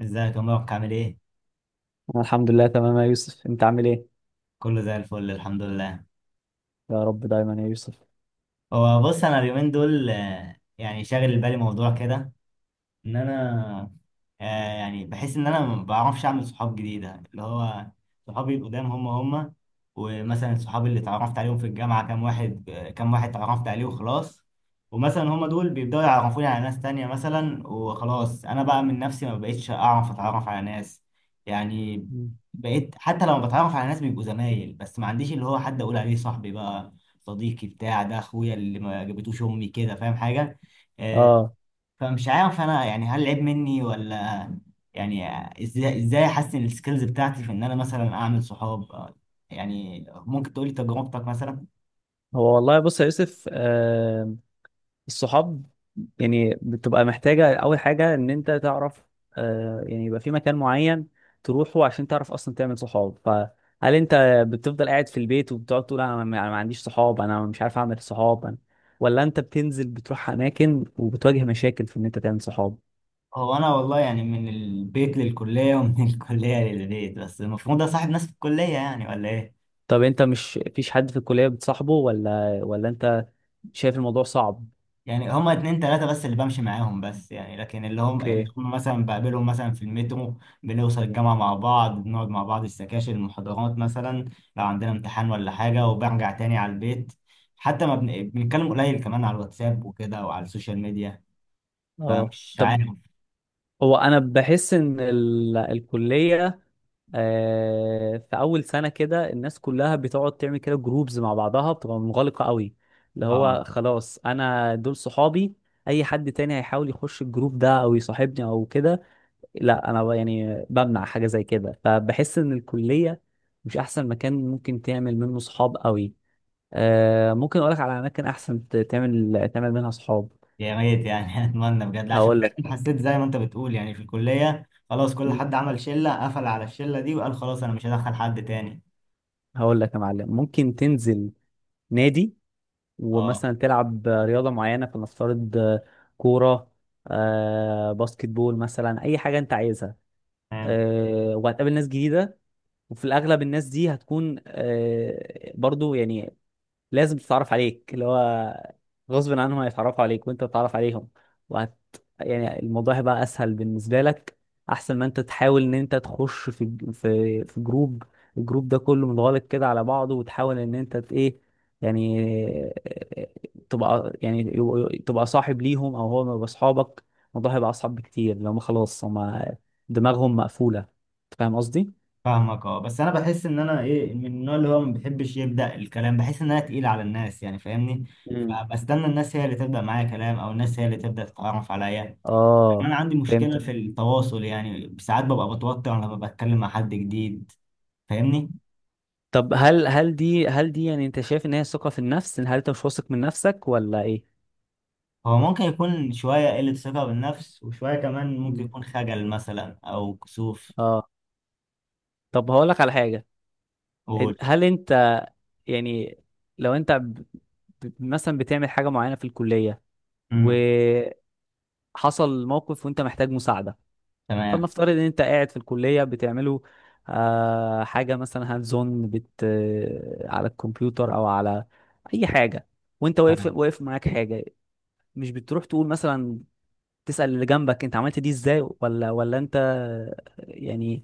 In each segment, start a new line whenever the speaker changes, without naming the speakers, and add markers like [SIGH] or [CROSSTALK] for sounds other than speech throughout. ازيك يا مبروك عامل ايه؟
أنا الحمد لله تمام يا يوسف، انت عامل ايه؟
كله زي الفل الحمد لله.
يا رب دايما يا يوسف.
هو بص انا اليومين دول يعني شاغل بالي موضوع كده ان انا آه يعني بحس ان انا ما بعرفش اعمل صحاب جديده اللي هو صحابي القدام هم. ومثلا صحابي اللي اتعرفت عليهم في الجامعه كام واحد كام واحد اتعرفت عليه وخلاص. ومثلا هم دول بيبداوا يعرفوني على ناس تانية مثلا، وخلاص انا بقى من نفسي ما بقيتش اعرف اتعرف على ناس. يعني
مم.
بقيت حتى لما بتعرف على ناس بيبقوا زمايل بس ما عنديش اللي هو حد اقول عليه صاحبي بقى، صديقي، بتاع ده، اخويا اللي ما جابتوش امي، كده فاهم حاجه؟ آه،
اه.
فمش عارف انا يعني هل عيب مني ولا يعني ازاي احسن السكيلز بتاعتي في ان انا مثلا اعمل صحاب؟ يعني ممكن تقولي تجربتك مثلا؟
هو والله بص يا يوسف، الصحاب يعني بتبقى محتاجة اول حاجة ان انت تعرف، يعني يبقى في مكان معين تروحه عشان تعرف اصلا تعمل صحاب. فهل انت بتفضل قاعد في البيت وبتقعد تقول انا ما أنا ما عنديش صحاب، انا مش عارف اعمل صحاب أنا، ولا انت بتنزل بتروح اماكن وبتواجه مشاكل في ان انت تعمل صحاب؟
هو انا والله يعني من البيت للكلية ومن [LAUGHS] الكلية للبيت، بس المفروض اصاحب ناس في الكلية يعني ولا ايه؟
طب انت مش فيش حد في الكلية بتصاحبه، ولا انت شايف الموضوع صعب؟
يعني هما اتنين تلاتة بس اللي بمشي معاهم، بس يعني لكن اللي هم اللي
اوكي.
هم مثلا بقابلهم مثلا في المترو. بنوصل الجامعة مع بعض، بنقعد مع بعض السكاشن المحاضرات مثلا، لو عندنا امتحان ولا حاجة، وبرجع تاني على البيت. حتى ما بن... بنتكلم قليل كمان على الواتساب وكده وعلى السوشيال ميديا.
اه
فمش
طب
عارف.
هو انا بحس ان ال، الكليه في اول سنه كده الناس كلها بتقعد تعمل كده جروبز مع بعضها، بتبقى منغلقه قوي، اللي
اه،
هو خلاص انا دول صحابي. اي حد تاني هيحاول يخش الجروب ده او يصاحبني او كده، لا. انا يعني بمنع حاجه زي كده، فبحس ان الكليه مش احسن مكان ممكن تعمل منه صحاب قوي. ممكن اقولك على اماكن احسن تعمل منها صحاب.
يا ريت يعني [LAUGHS] اتمنى بجد، عشان
هقول لك،
فعلاً حسيت زي ما انت بتقول يعني في الكلية خلاص كل حد عمل شلة قفل على الشلة دي، وقال خلاص انا مش هدخل حد تاني.
هقول لك يا معلم ممكن تنزل نادي
اه،
ومثلا تلعب رياضة معينة، فلنفترض كورة، باسكت بول، مثلا أي حاجة أنت عايزها. وهتقابل ناس جديدة، وفي الأغلب الناس دي هتكون برضو يعني لازم تتعرف عليك، اللي هو غصب عنهم هيتعرفوا عليك وانت تتعرف عليهم. وهت، يعني الموضوع هيبقى اسهل بالنسبه لك، احسن ما انت تحاول ان انت تخش في في جروب الجروب ده كله متغلق كده على بعضه، وتحاول ان انت ايه، يعني [LAUGHS] تبقى يعني تبقى صاحب ليهم او هو يبقى اصحابك. الموضوع هيبقى اصعب بكتير لو ما خلاص هم دماغهم مقفوله، أنت فاهم قصدي.
فاهمك. اه، بس انا بحس ان انا ايه، من النوع اللي هو ما بيحبش يبدا الكلام، بحس ان انا تقيل على الناس يعني، فاهمني؟
مم.
فبستنى الناس هي اللي تبدا معايا كلام، او الناس هي اللي تبدا تتعرف عليا. لأن
اه
انا عندي
فهمت.
مشكله في التواصل، يعني ساعات ببقى بتوتر لما بتكلم مع حد جديد. فاهمني؟
طب هل دي يعني انت شايف ان هي ثقة في النفس، ان هل انت مش واثق من نفسك ولا ايه؟
هو ممكن يكون شويه قله ثقه بالنفس، وشويه كمان ممكن
مم.
يكون خجل مثلا او كسوف.
اه. طب هقول لك على حاجة.
قول.
هل انت يعني لو انت مثلا بتعمل حاجة معينة في الكلية
امم.
وحصل موقف وانت محتاج مساعدة،
تمام.
فلنفترض ان انت قاعد في الكلية بتعمله حاجة مثلا هاند زون بت، على الكمبيوتر او على اي حاجة، وانت واقف
تمام.
واقف معاك حاجة، مش بتروح تقول مثلا تسأل اللي جنبك انت عملت دي ازاي، ولا انت يعني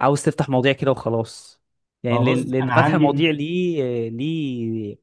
عاوز تفتح مواضيع كده وخلاص؟ يعني
هو
لان
بص
لأن
انا
فتح
عندي
المواضيع ليه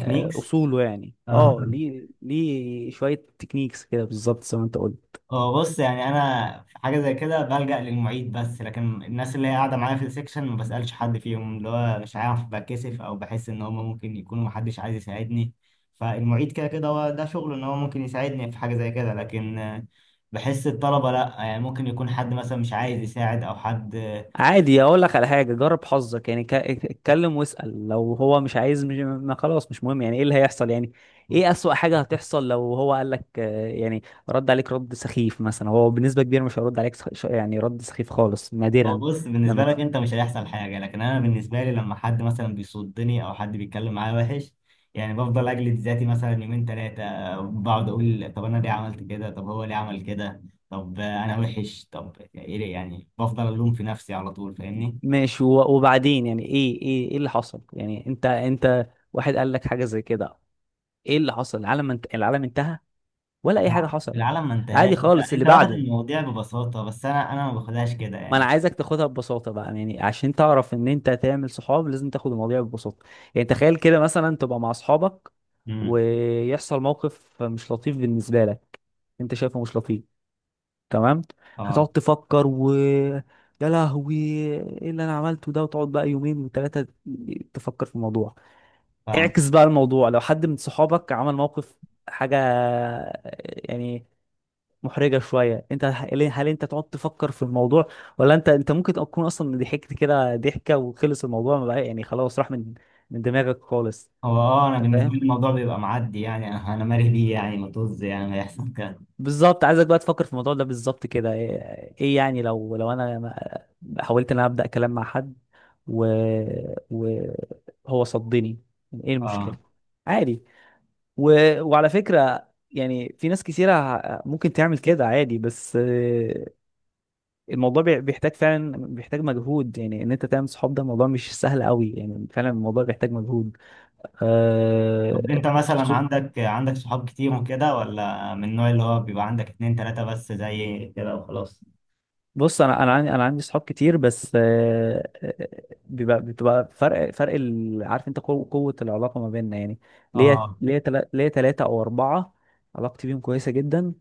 اصوله يعني.
اه،
اه ليه شوية تكنيكس كده بالظبط زي ما انت قلت.
هو بص يعني انا في حاجه زي كده بلجأ للمعيد بس، لكن الناس اللي هي قاعده معايا في السكشن ما بسألش حد فيهم، اللي هو مش عارف بتكسف، او بحس ان هم ممكن يكونوا محدش عايز يساعدني. فالمعيد كده هو ده شغله، ان هو ممكن يساعدني في حاجه زي كده، لكن بحس الطلبه لا، يعني ممكن يكون حد مثلا مش عايز يساعد او حد.
عادي، اقول لك على حاجه جرب حظك يعني، اتكلم واسال، لو هو مش عايز مش، ما خلاص مش مهم، يعني ايه اللي هيحصل يعني؟ ايه اسوأ حاجه هتحصل؟ لو هو قال لك يعني رد عليك رد سخيف مثلا، هو بنسبه كبيره مش هيرد عليك يعني رد سخيف خالص
هو
نادرا.
بص بالنسبة
لما ت-
لك أنت مش هيحصل حاجة، لكن أنا بالنسبة لي لما حد مثلا بيصدني أو حد بيتكلم معايا وحش، يعني بفضل أجلد ذاتي مثلا يومين تلاتة. بقعد أقول طب أنا ليه عملت كده، طب هو ليه عمل كده، طب أنا وحش، طب إيه ده؟ يعني بفضل ألوم في نفسي على طول، فاهمني؟
ماشي، وبعدين يعني ايه اللي حصل يعني؟ انت واحد قال لك حاجه زي كده، ايه اللي حصل؟ العالم انت، العالم انتهى ولا اي حاجه
طبعاً
حصلت؟
العالم ما انتهاش،
عادي
لا
خالص اللي
أنت واخد
بعده.
المواضيع ببساطة، بس أنا ما باخدهاش كده
ما انا
يعني.
عايزك تاخدها ببساطه بقى، يعني عشان تعرف ان انت تعمل صحاب لازم تاخد المواضيع ببساطه. يعني تخيل كده مثلا تبقى مع اصحابك
امم.
ويحصل موقف مش لطيف بالنسبه لك، انت شايفه مش لطيف، تمام. هتقعد
أه.
تفكر، و يا لهوي ايه اللي انا عملته ده، وتقعد بقى يومين وثلاثه تفكر في الموضوع.
فاهم.
اعكس بقى الموضوع، لو حد من صحابك عمل موقف، حاجه يعني محرجه شويه، انت هل انت تقعد تفكر في الموضوع، ولا انت ممكن تكون اصلا ضحكت كده ضحكه وخلص الموضوع، ما بقى يعني خلاص راح من من دماغك خالص؟
هو أه أنا
انت
بالنسبة
فاهم،
لي الموضوع بيبقى معدي، يعني أنا مالي بيه يعني، ما طز يعني ما يحصل كده.
بالظبط عايزك بقى تفكر في الموضوع ده بالظبط كده. ايه ايه يعني لو لو انا حاولت ان انا ابدا كلام مع حد و وهو صدني، ايه
اه
المشكله؟ عادي. و... وعلى فكره يعني في ناس كثيره ممكن تعمل كده عادي، بس الموضوع بيحتاج فعلا، بيحتاج مجهود، يعني ان انت تعمل صحاب ده موضوع مش سهل قوي، يعني فعلا الموضوع بيحتاج مجهود.
طب
آه
انت مثلا
خصوص،
عندك صحاب كتير وكده، ولا من النوع اللي هو بيبقى عندك اتنين تلاتة بس زي كده وخلاص؟
بص انا، انا عندي صحاب كتير بس، بيبقى بتبقى فرق عارف انت قوه العلاقه ما بيننا يعني. ليا
اه
ليا تلا- ليا ثلاثه او اربعه علاقتي بيهم كويسه جدا،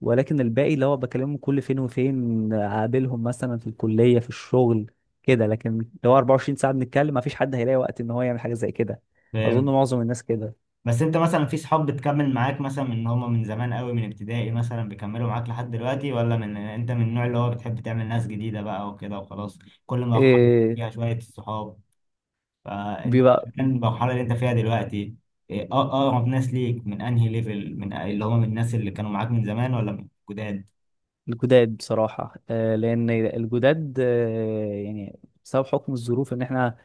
ولكن الباقي اللي هو بكلمهم كل فين وفين اقابلهم مثلا في الكليه في الشغل كده، لكن لو 24 ساعه بنتكلم ما فيش حد هيلاقي وقت ان هو يعمل حاجه زي كده. اظن
فاهم.
معظم الناس كده.
بس انت مثلا في صحاب بتكمل معاك مثلا من ان هما من زمان قوي، من ابتدائي مثلا بيكملوا معاك لحد دلوقتي، ولا من انت من النوع اللي هو بتحب تعمل ناس جديدة بقى وكده وخلاص؟ كل مرحلة
إيه
فيها شوية الصحاب، فانت
بيبقى
كان المرحلة اللي انت فيها دلوقتي اه اقرب ناس ليك من انهي ليفل، من اللي هما من الناس اللي كانوا معاك من زمان ولا من جداد؟
الجداد بصراحة، لأن الجداد يعني بسبب حكم الظروف، إن إحنا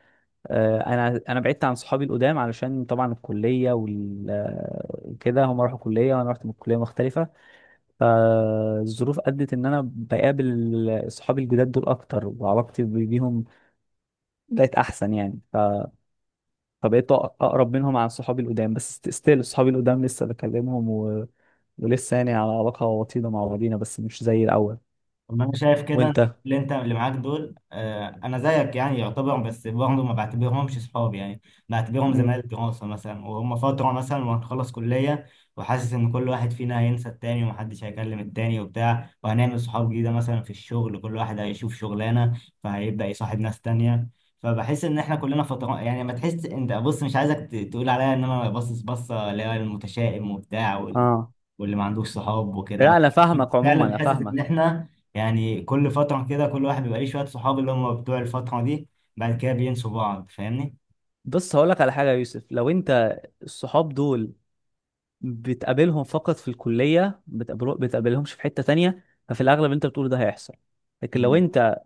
أنا بعدت عن صحابي القدام علشان طبعا الكلية وكده، هم راحوا كلية وأنا رحت من كلية مختلفة، فالظروف أدت إن أنا بقابل صحابي الجداد دول أكتر، وعلاقتي بيهم بقت أحسن يعني، فبقيت أقرب منهم عن صحابي القدام، بس ستيل صحابي القدام لسه بكلمهم، و... ولسه يعني على علاقة وطيدة مع بعضينا بس مش زي الأول.
طب ما انا شايف كده
وأنت؟
إن اللي معاك دول انا زيك يعني يعتبر، بس برضه ما بعتبرهمش صحاب يعني، بعتبرهم
مم.
زمايل دراسه مثلا، وهم فتره مثلا وهنخلص كليه. وحاسس ان كل واحد فينا هينسى التاني ومحدش هيكلم التاني وبتاع، وهنعمل صحاب جديده مثلا في الشغل. كل واحد هيشوف شغلانه فهيبدا يصاحب ناس تانيه. فبحس ان احنا كلنا فتره يعني، ما تحس انت بص مش عايزك تقول عليا ان انا باصص بصه اللي هي المتشائم وبتاع
آه
واللي ما عندوش صحاب
لا
وكده.
انا فاهمك، عموما
فعلا
انا
حاسس
فاهمك.
ان احنا يعني كل فتره كده كل واحد بيبقى ليه شويه صحاب اللي هم بتوع الفتره دي، بعد كده بينسوا بعض، فاهمني؟
بص هقول لك على حاجه يا يوسف، لو انت الصحاب دول بتقابلهم فقط في الكليه، بتقابلهمش في حته تانية، ففي الاغلب انت بتقول ده هيحصل. لكن لو
مم.
انت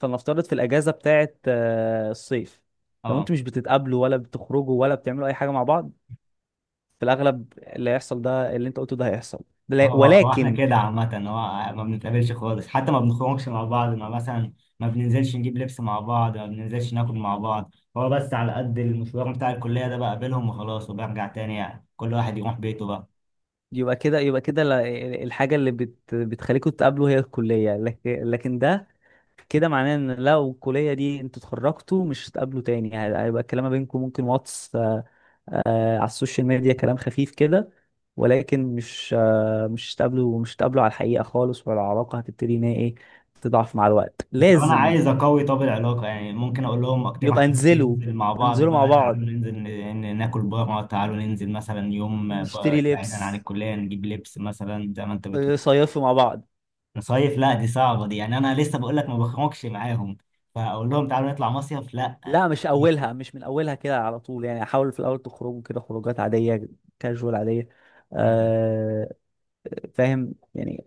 فلنفترض في الاجازه بتاعه الصيف، لو
اه.
انتوا مش بتتقابلوا ولا بتخرجوا ولا بتعملوا اي حاجه مع بعض، في الاغلب اللي هيحصل ده اللي انت قلته ده هيحصل.
هو احنا
ولكن
كده عامه، هو ما بنتقابلش خالص، حتى ما بنخرجش مع بعض. ما مثلا ما بننزلش نجيب لبس مع بعض، ما بننزلش ناكل مع بعض، هو بس على قد المشوار بتاع الكليه ده بقابلهم وخلاص، وبرجع تاني يعني كل واحد يروح بيته بقى.
يبقى كده الحاجه اللي بتخليكم تتقابلوا هي الكليه، لكن ده كده معناه ان لو الكليه دي انتوا اتخرجتوا مش هتقابلوا تاني، يعني هيبقى الكلام ما بينكم ممكن واتس، على السوشيال ميديا كلام خفيف كده، ولكن مش مش هتقابلوا على الحقيقه خالص، ولا العلاقه هتبتدي ان هي ايه تضعف مع الوقت
طب انا
لازم.
عايز اقوي طب العلاقه، يعني ممكن اقول لهم اقترح
يبقى
عليكم
انزلوا،
ننزل مع بعض
انزلوا
بقى،
مع
تعالوا
بعض،
ننزل ناكل بره، تعالوا ننزل مثلا يوم
نشتري
بقى بعيدا عن
لبس،
الكليه نجيب لبس مثلا زي ما انت بتقول.
صيفوا مع بعض.
نصيف لا دي صعبه دي، يعني انا لسه بقول لك ما بخرجش معاهم، فاقول لهم تعالوا نطلع مصيف؟ لا.
لا مش
[LAUGHS]
اولها، مش من اولها كده على طول يعني، حاولوا في الاول تخرجوا كده خروجات عاديه، كاجوال عاديه.
مم.
آه، فاهم يعني،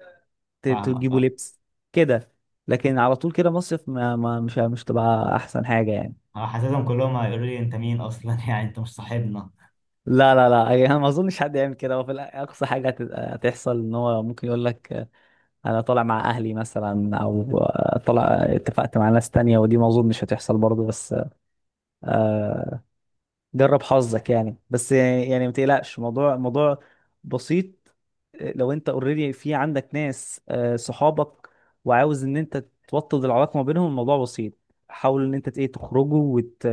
تجيبوا
فاهمك.
لبس كده، لكن على طول كده مصيف، ما ما مش مش تبقى احسن حاجه يعني.
اه، حاسسهم كلهم هيقولوا لي انت مين اصلا [LAUGHS] يعني انت مش صاحبنا.
لا يعني انا [LAUGHS] ما اظنش حد يعمل كده، وفي اقصى حاجه هتحصل ان هو ممكن يقول لك انا طالع مع اهلي مثلا، او طالع اتفقت مع ناس تانية، ودي ما اظنش هتحصل برضه. بس آه، جرب حظك يعني، بس يعني ما تقلقش، موضوع بسيط. لو انت اوريدي في عندك ناس صحابك، وعاوز ان انت توطد العلاقه ما بينهم، الموضوع بسيط، حاول ان انت ايه تخرجوا، وت...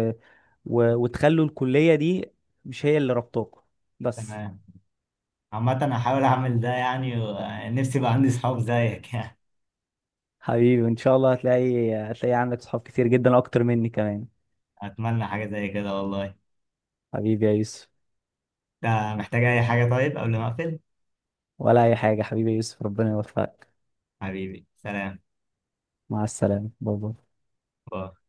و... وتخلوا الكليه دي مش هي اللي ربطوكوا بس.
تمام. عامه انا هحاول اعمل ده يعني، و- نفسي يبقى عندي صحاب زيك [LAUGHS] يعني.
حبيبي ان شاء الله هتلاقي، هتلاقي عندك صحاب كتير جدا اكتر مني كمان.
اتمنى حاجه زي كده والله.
حبيبي يا يوسف،
ده محتاج أي حاجة طيب قبل ما أقفل؟
ولا اي حاجه حبيبي يا يوسف، ربنا يوفقك.
حبيبي، سلام.
مع السلامه، باي باي.
باي.